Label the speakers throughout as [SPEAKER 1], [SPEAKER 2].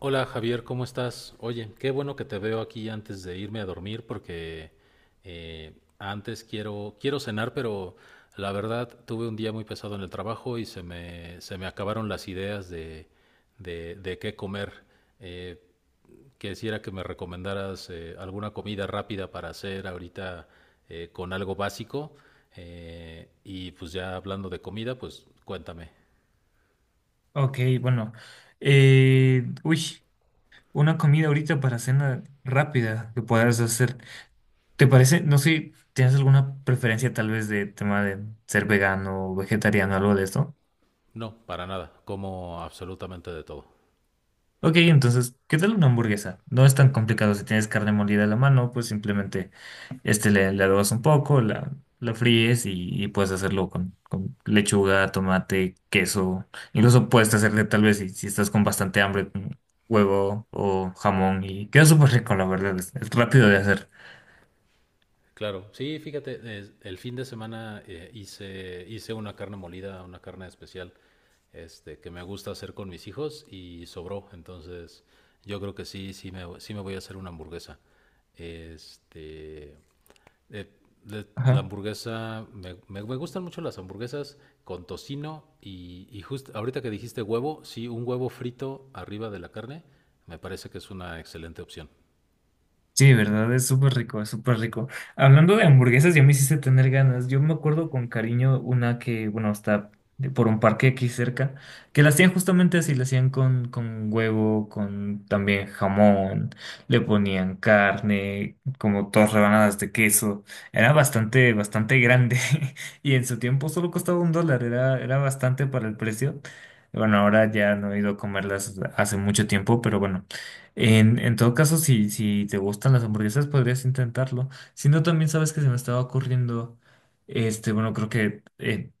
[SPEAKER 1] Hola Javier, ¿cómo estás? Oye, qué bueno que te veo aquí antes de irme a dormir porque eh, antes quiero, quiero cenar, pero la verdad tuve un día muy pesado en el trabajo y se me acabaron las ideas de qué comer. Eh, quisiera que me recomendaras alguna comida rápida para hacer ahorita con algo básico. Y pues ya hablando de comida, pues cuéntame.
[SPEAKER 2] Ok, bueno. Uy, una comida ahorita para cena rápida que puedas hacer. ¿Te parece? No sé, ¿tienes alguna preferencia tal vez de tema de ser vegano o vegetariano, algo de esto?
[SPEAKER 1] No, para nada, como absolutamente de todo.
[SPEAKER 2] Ok, entonces, ¿qué tal una hamburguesa? No es tan complicado. Si tienes carne molida a la mano, pues simplemente le adobas un poco, la fríes y puedes hacerlo con lechuga, tomate, queso. Incluso puedes hacerle tal vez si estás con bastante hambre, un huevo o jamón y queda súper rico, la verdad. Es rápido de hacer.
[SPEAKER 1] Claro, sí, fíjate, el fin de semana hice una carne molida, una carne especial, este, que me gusta hacer con mis hijos y sobró, entonces yo creo que sí, sí me voy a hacer una hamburguesa. Este, eh, la
[SPEAKER 2] Ajá.
[SPEAKER 1] hamburguesa, me gustan mucho las hamburguesas con tocino y justo ahorita que dijiste huevo, sí, un huevo frito arriba de la carne, me parece que es una excelente opción.
[SPEAKER 2] Sí, de verdad, es súper rico, es súper rico. Hablando de hamburguesas, ya me hiciste tener ganas. Yo me acuerdo con cariño una que, bueno, está por un parque aquí cerca, que la hacían justamente así, la hacían con huevo, con también jamón, le ponían carne, como dos rebanadas de queso. Era bastante, bastante grande y en su tiempo solo costaba un dólar, era bastante para el precio. Bueno, ahora ya no he ido a comerlas hace mucho tiempo, pero bueno. En todo caso, si te gustan las hamburguesas, podrías intentarlo. Si no, también sabes que se me estaba ocurriendo, bueno, creo que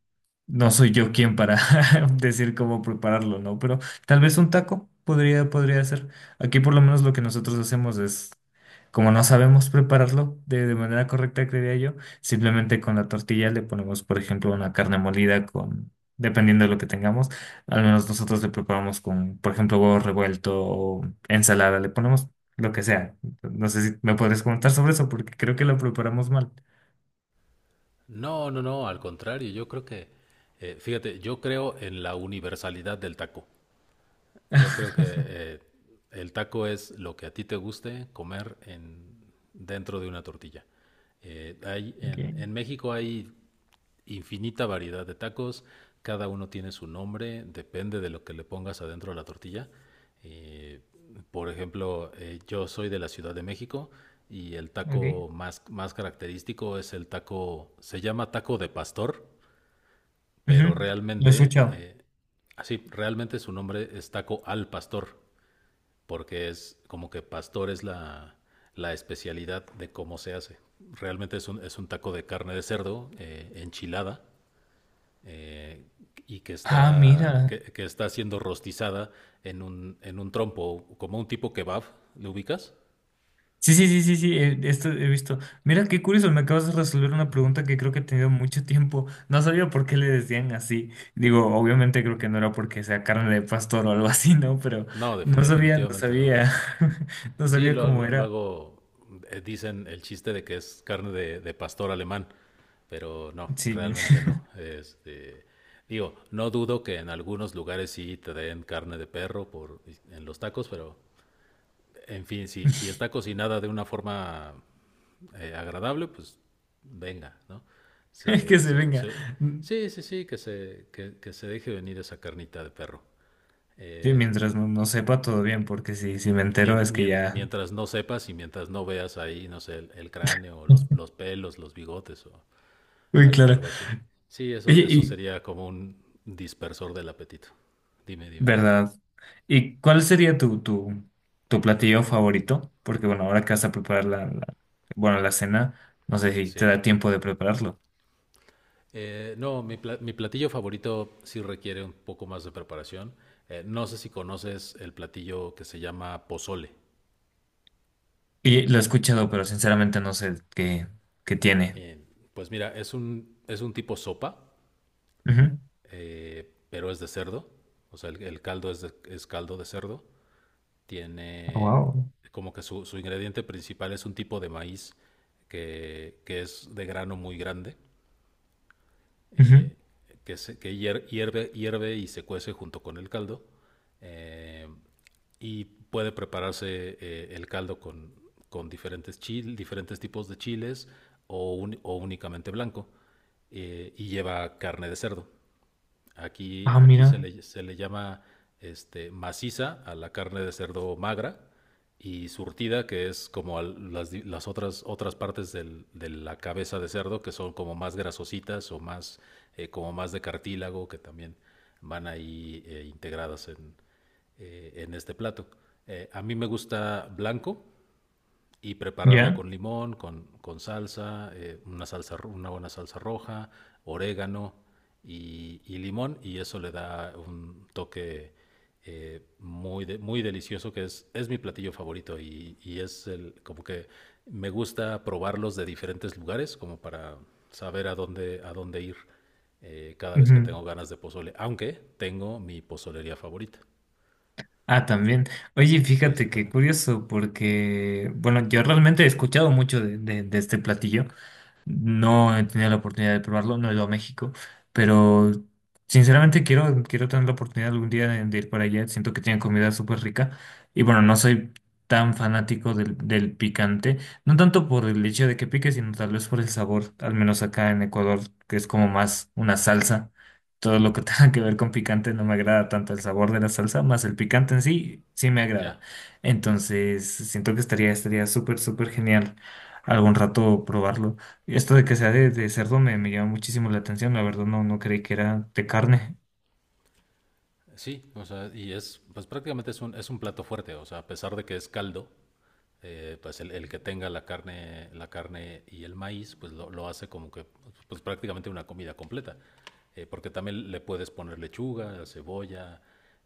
[SPEAKER 2] no soy yo quien para decir cómo prepararlo, ¿no? Pero tal vez un taco podría ser. Aquí por lo menos lo que nosotros hacemos es, como no sabemos prepararlo de manera correcta, creería yo, simplemente con la tortilla le ponemos, por ejemplo, una carne molida con, dependiendo de lo que tengamos, al menos nosotros le preparamos con, por ejemplo, huevo revuelto o ensalada, le ponemos lo que sea. No sé si me podrías comentar sobre eso porque creo que lo preparamos mal.
[SPEAKER 1] No, no, no, al contrario, yo creo que, fíjate, yo creo en la universalidad del taco. Yo creo que el taco es lo que a ti te guste comer dentro de una tortilla.
[SPEAKER 2] Ok,
[SPEAKER 1] En México hay infinita variedad de tacos, cada uno tiene su nombre, depende de lo que le pongas adentro de la tortilla. Eh, por ejemplo, yo soy de la Ciudad de México y el
[SPEAKER 2] ok.
[SPEAKER 1] taco más característico es el taco, se llama taco de pastor,
[SPEAKER 2] Ujú.
[SPEAKER 1] pero
[SPEAKER 2] Lo he
[SPEAKER 1] realmente,
[SPEAKER 2] escuchado.
[SPEAKER 1] así, realmente su nombre es taco al pastor, porque es como que pastor es la especialidad de cómo se hace. Realmente es es un taco de carne de cerdo enchilada, eh, y que
[SPEAKER 2] Ah,
[SPEAKER 1] está,
[SPEAKER 2] mira.
[SPEAKER 1] está siendo rostizada en un trompo, como un tipo kebab. ¿Le ubicas?
[SPEAKER 2] Sí, sí, sí, sí, sí, esto he visto. Mira, qué curioso, me acabas de resolver una pregunta que creo que he tenido mucho tiempo. No sabía por qué le decían así. Digo, obviamente creo que no era porque sea carne de pastor o algo así, ¿no? Pero
[SPEAKER 1] No,
[SPEAKER 2] no sabía, no
[SPEAKER 1] definitivamente no.
[SPEAKER 2] sabía, no
[SPEAKER 1] Sí,
[SPEAKER 2] sabía cómo era.
[SPEAKER 1] luego dicen el chiste de que es carne de pastor alemán, pero no,
[SPEAKER 2] Sí,
[SPEAKER 1] realmente no. Este, digo, no dudo que en algunos lugares sí te den carne de perro por, en los tacos, pero en fin, si, si está cocinada de una forma agradable, pues venga, ¿no?
[SPEAKER 2] que
[SPEAKER 1] Se,
[SPEAKER 2] se
[SPEAKER 1] se,
[SPEAKER 2] venga.
[SPEAKER 1] se- sí, sí, sí, que se deje venir esa carnita de perro.
[SPEAKER 2] Sí,
[SPEAKER 1] Eh,
[SPEAKER 2] mientras no, no sepa todo bien, porque si me entero es que ya...
[SPEAKER 1] mientras no sepas y mientras no veas ahí, no sé, el cráneo, o los pelos, los bigotes o
[SPEAKER 2] Uy, claro.
[SPEAKER 1] algo así. Sí, eso
[SPEAKER 2] Oye,
[SPEAKER 1] sería como un dispersor del apetito. Dime, dime.
[SPEAKER 2] ¿verdad? ¿Y cuál sería tu platillo favorito? Porque bueno, ahora que vas a preparar la, bueno, la cena, no sé si te
[SPEAKER 1] Sí.
[SPEAKER 2] da tiempo de prepararlo.
[SPEAKER 1] No, mi platillo favorito sí requiere un poco más de preparación. No sé si conoces el platillo que se llama pozole.
[SPEAKER 2] Y lo he escuchado, pero sinceramente no sé qué tiene.
[SPEAKER 1] Eh, pues mira, es un tipo sopa, pero es de cerdo. O sea, el caldo es caldo de cerdo. Tiene
[SPEAKER 2] Wow.
[SPEAKER 1] como que su ingrediente principal es un tipo de maíz que es de grano muy grande, eh, que hierve, hierve y se cuece junto con el caldo. eh, y puede prepararse el caldo con diferentes, diferentes tipos de chiles o, o únicamente blanco. Y lleva carne de cerdo.
[SPEAKER 2] Ah, mira.
[SPEAKER 1] Se le llama este, maciza a la carne de cerdo magra y surtida, que es como las otras, otras partes de la cabeza de cerdo, que son como más grasositas o más, como más de cartílago, que también van ahí integradas en este plato. A mí me gusta blanco, y prepararlo
[SPEAKER 2] ¿Ya?
[SPEAKER 1] con limón, con salsa, una buena salsa roja, orégano y limón, y eso le da un toque muy delicioso, que es mi platillo favorito, y es el, como que me gusta probarlos de diferentes lugares, como para saber a dónde ir cada vez que
[SPEAKER 2] Ujú.
[SPEAKER 1] tengo ganas de pozole, aunque tengo mi pozolería favorita.
[SPEAKER 2] Ah, también. Oye,
[SPEAKER 1] Sí, sí,
[SPEAKER 2] fíjate qué
[SPEAKER 1] también.
[SPEAKER 2] curioso, porque bueno, yo realmente he escuchado mucho de este platillo. No he tenido la oportunidad de probarlo, no he ido a México, pero sinceramente quiero tener la oportunidad algún día de ir para allá. Siento que tienen comida súper rica y bueno, no soy tan fanático del picante, no tanto por el hecho de que pique, sino tal vez por el sabor, al menos acá en Ecuador, que es como más una salsa. Todo lo que tenga que ver con picante no me agrada tanto el sabor de la salsa, más el picante en sí, sí me
[SPEAKER 1] Ya.
[SPEAKER 2] agrada. Entonces, siento que estaría súper, súper genial algún rato probarlo. Esto de que sea de cerdo me llama muchísimo la atención, la verdad no, no creí que era de carne.
[SPEAKER 1] Sí, o sea, y es, pues prácticamente es un plato fuerte, o sea, a pesar de que es caldo, pues el que tenga la carne y el maíz, pues lo hace como que, pues prácticamente una comida completa. Porque también le puedes poner lechuga, cebolla,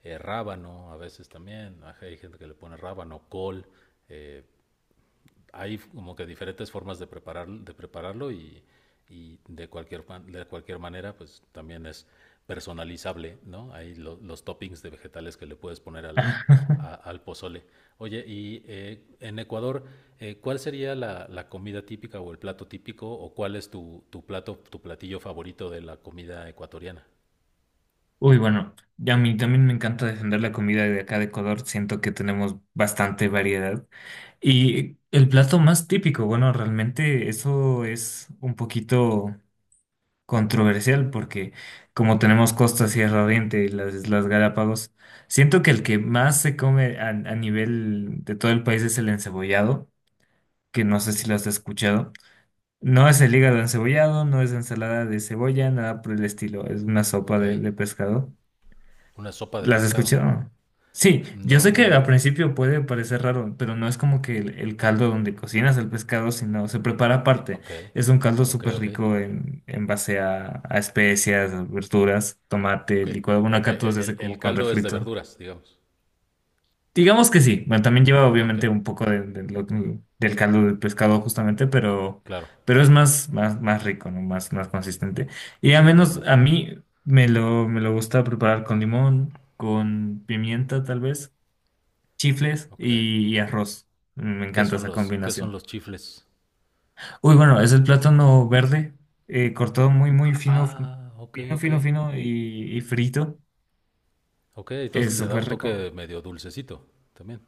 [SPEAKER 1] rábano, a veces también, ajá, hay gente que le pone rábano, col, eh, hay como que diferentes formas de, preparar, de prepararlo y de cualquier manera, pues también es personalizable, ¿no? Hay los toppings de vegetales que le puedes poner al pozole. Oye, y en Ecuador, ¿cuál sería la comida típica o el plato típico o cuál es tu, tu plato, tu platillo favorito de la comida ecuatoriana?
[SPEAKER 2] Uy, bueno, y a mí también me encanta defender la comida de acá de Ecuador, siento que tenemos bastante variedad. Y el plato más típico, bueno, realmente eso es un poquito controversial porque como tenemos Costa, Sierra Oriente y las Islas Galápagos, siento que el que más se come a nivel de todo el país es el encebollado, que no sé si lo has escuchado. No es el hígado encebollado, no es ensalada de cebolla, nada por el estilo. Es una sopa
[SPEAKER 1] Ok,
[SPEAKER 2] de pescado.
[SPEAKER 1] una sopa de
[SPEAKER 2] ¿Las has
[SPEAKER 1] pescado.
[SPEAKER 2] escuchado? Sí, yo sé
[SPEAKER 1] No,
[SPEAKER 2] que
[SPEAKER 1] no,
[SPEAKER 2] al
[SPEAKER 1] no.
[SPEAKER 2] principio puede parecer raro, pero no es como que el caldo donde cocinas el pescado, sino se prepara aparte.
[SPEAKER 1] Ok,
[SPEAKER 2] Es un caldo
[SPEAKER 1] ok,
[SPEAKER 2] súper
[SPEAKER 1] ok.
[SPEAKER 2] rico en base a especias, a verduras, tomate,
[SPEAKER 1] Ok,
[SPEAKER 2] licuado. Bueno,
[SPEAKER 1] ok,
[SPEAKER 2] acá todo se hace como
[SPEAKER 1] el
[SPEAKER 2] con
[SPEAKER 1] caldo es de
[SPEAKER 2] refrito.
[SPEAKER 1] verduras, digamos.
[SPEAKER 2] Digamos que sí. Bueno, también lleva
[SPEAKER 1] Ah, ok,
[SPEAKER 2] obviamente un poco del caldo del pescado justamente, pero,
[SPEAKER 1] claro,
[SPEAKER 2] pero es más, más, más rico, ¿no? Más, más consistente. Y al
[SPEAKER 1] sí
[SPEAKER 2] menos
[SPEAKER 1] entiendo.
[SPEAKER 2] a mí me lo gusta preparar con limón, con pimienta tal vez, chifles
[SPEAKER 1] Ok.
[SPEAKER 2] y arroz. Me
[SPEAKER 1] ¿Qué
[SPEAKER 2] encanta
[SPEAKER 1] son
[SPEAKER 2] esa
[SPEAKER 1] qué son
[SPEAKER 2] combinación.
[SPEAKER 1] los chifles?
[SPEAKER 2] Uy, bueno, es el plátano verde, cortado muy, muy
[SPEAKER 1] Ah,
[SPEAKER 2] fino,
[SPEAKER 1] ah, ok,
[SPEAKER 2] fino,
[SPEAKER 1] ok.
[SPEAKER 2] fino, fino y frito.
[SPEAKER 1] Ok, entonces
[SPEAKER 2] Es
[SPEAKER 1] le da
[SPEAKER 2] súper
[SPEAKER 1] un
[SPEAKER 2] rico.
[SPEAKER 1] toque medio dulcecito también.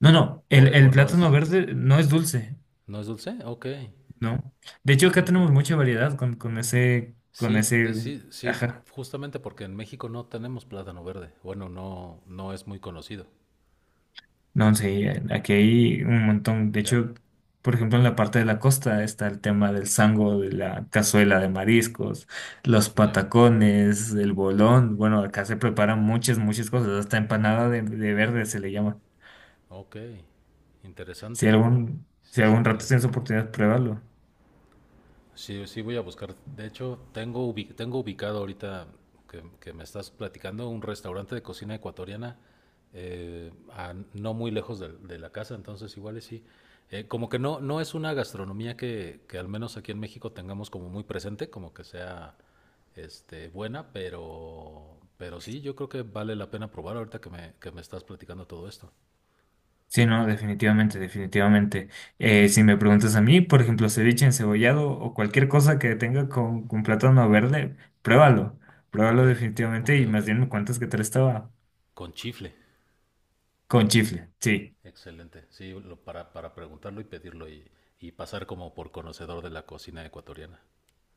[SPEAKER 2] No, no, el, el
[SPEAKER 1] ¿o no
[SPEAKER 2] plátano
[SPEAKER 1] es,
[SPEAKER 2] verde no es dulce.
[SPEAKER 1] no es dulce? Ok,
[SPEAKER 2] No. De hecho,
[SPEAKER 1] ok,
[SPEAKER 2] acá
[SPEAKER 1] ok.
[SPEAKER 2] tenemos mucha variedad con, con ese, con
[SPEAKER 1] Sí,
[SPEAKER 2] ese,
[SPEAKER 1] sí, sí,
[SPEAKER 2] ajá.
[SPEAKER 1] justamente porque en México no tenemos plátano verde. Bueno, no, no es muy conocido.
[SPEAKER 2] No sé, aquí hay un montón. De
[SPEAKER 1] Ya,
[SPEAKER 2] hecho, por ejemplo, en la parte de la costa está el tema del sango, de la cazuela de mariscos, los
[SPEAKER 1] ya.
[SPEAKER 2] patacones, el bolón. Bueno, acá se preparan muchas, muchas cosas. Hasta empanada de verde se le llama.
[SPEAKER 1] Ok,
[SPEAKER 2] Si
[SPEAKER 1] interesante.
[SPEAKER 2] algún, si
[SPEAKER 1] Sí, sí,
[SPEAKER 2] algún rato tienes
[SPEAKER 1] interesante.
[SPEAKER 2] oportunidad, pruébalo.
[SPEAKER 1] Sí, sí voy a buscar. De hecho, tengo, tengo ubicado ahorita que me estás platicando un restaurante de cocina ecuatoriana a no muy lejos de la casa, entonces igual y sí. Como que no, no es una gastronomía que al menos aquí en México tengamos como muy presente, como que sea este, buena, pero sí, yo creo que vale la pena probar ahorita que me estás platicando todo esto.
[SPEAKER 2] Sí, no, definitivamente, definitivamente. Si me preguntas a mí, por ejemplo, ceviche encebollado o cualquier cosa que tenga con plátano verde, pruébalo,
[SPEAKER 1] Ok,
[SPEAKER 2] pruébalo
[SPEAKER 1] ok,
[SPEAKER 2] definitivamente y
[SPEAKER 1] ok.
[SPEAKER 2] más bien me cuentas que tal estaba
[SPEAKER 1] Con chifle.
[SPEAKER 2] con chifle, sí.
[SPEAKER 1] Excelente. Sí, para preguntarlo y pedirlo y pasar como por conocedor de la cocina ecuatoriana.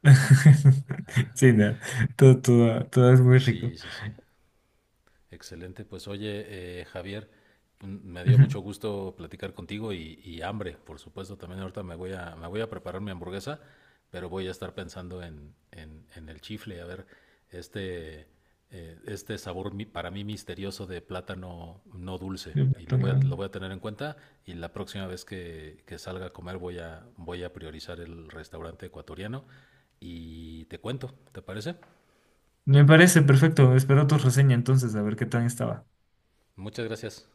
[SPEAKER 2] Sí, no, todo, todo, todo es muy rico.
[SPEAKER 1] Sí, sí, sí. Excelente, pues oye, Javier, mm, me dio mucho gusto platicar contigo y hambre, por supuesto, también ahorita me voy a preparar mi hamburguesa, pero voy a estar pensando en el chifle, a ver, este, este sabor para mí misterioso de plátano no dulce,
[SPEAKER 2] Ujú.
[SPEAKER 1] y lo voy a tener en cuenta, y la próxima vez que salga a comer voy a priorizar el restaurante ecuatoriano, y te cuento, ¿te parece?
[SPEAKER 2] Me parece perfecto, espero tu reseña entonces, a ver qué tal estaba.
[SPEAKER 1] Muchas gracias.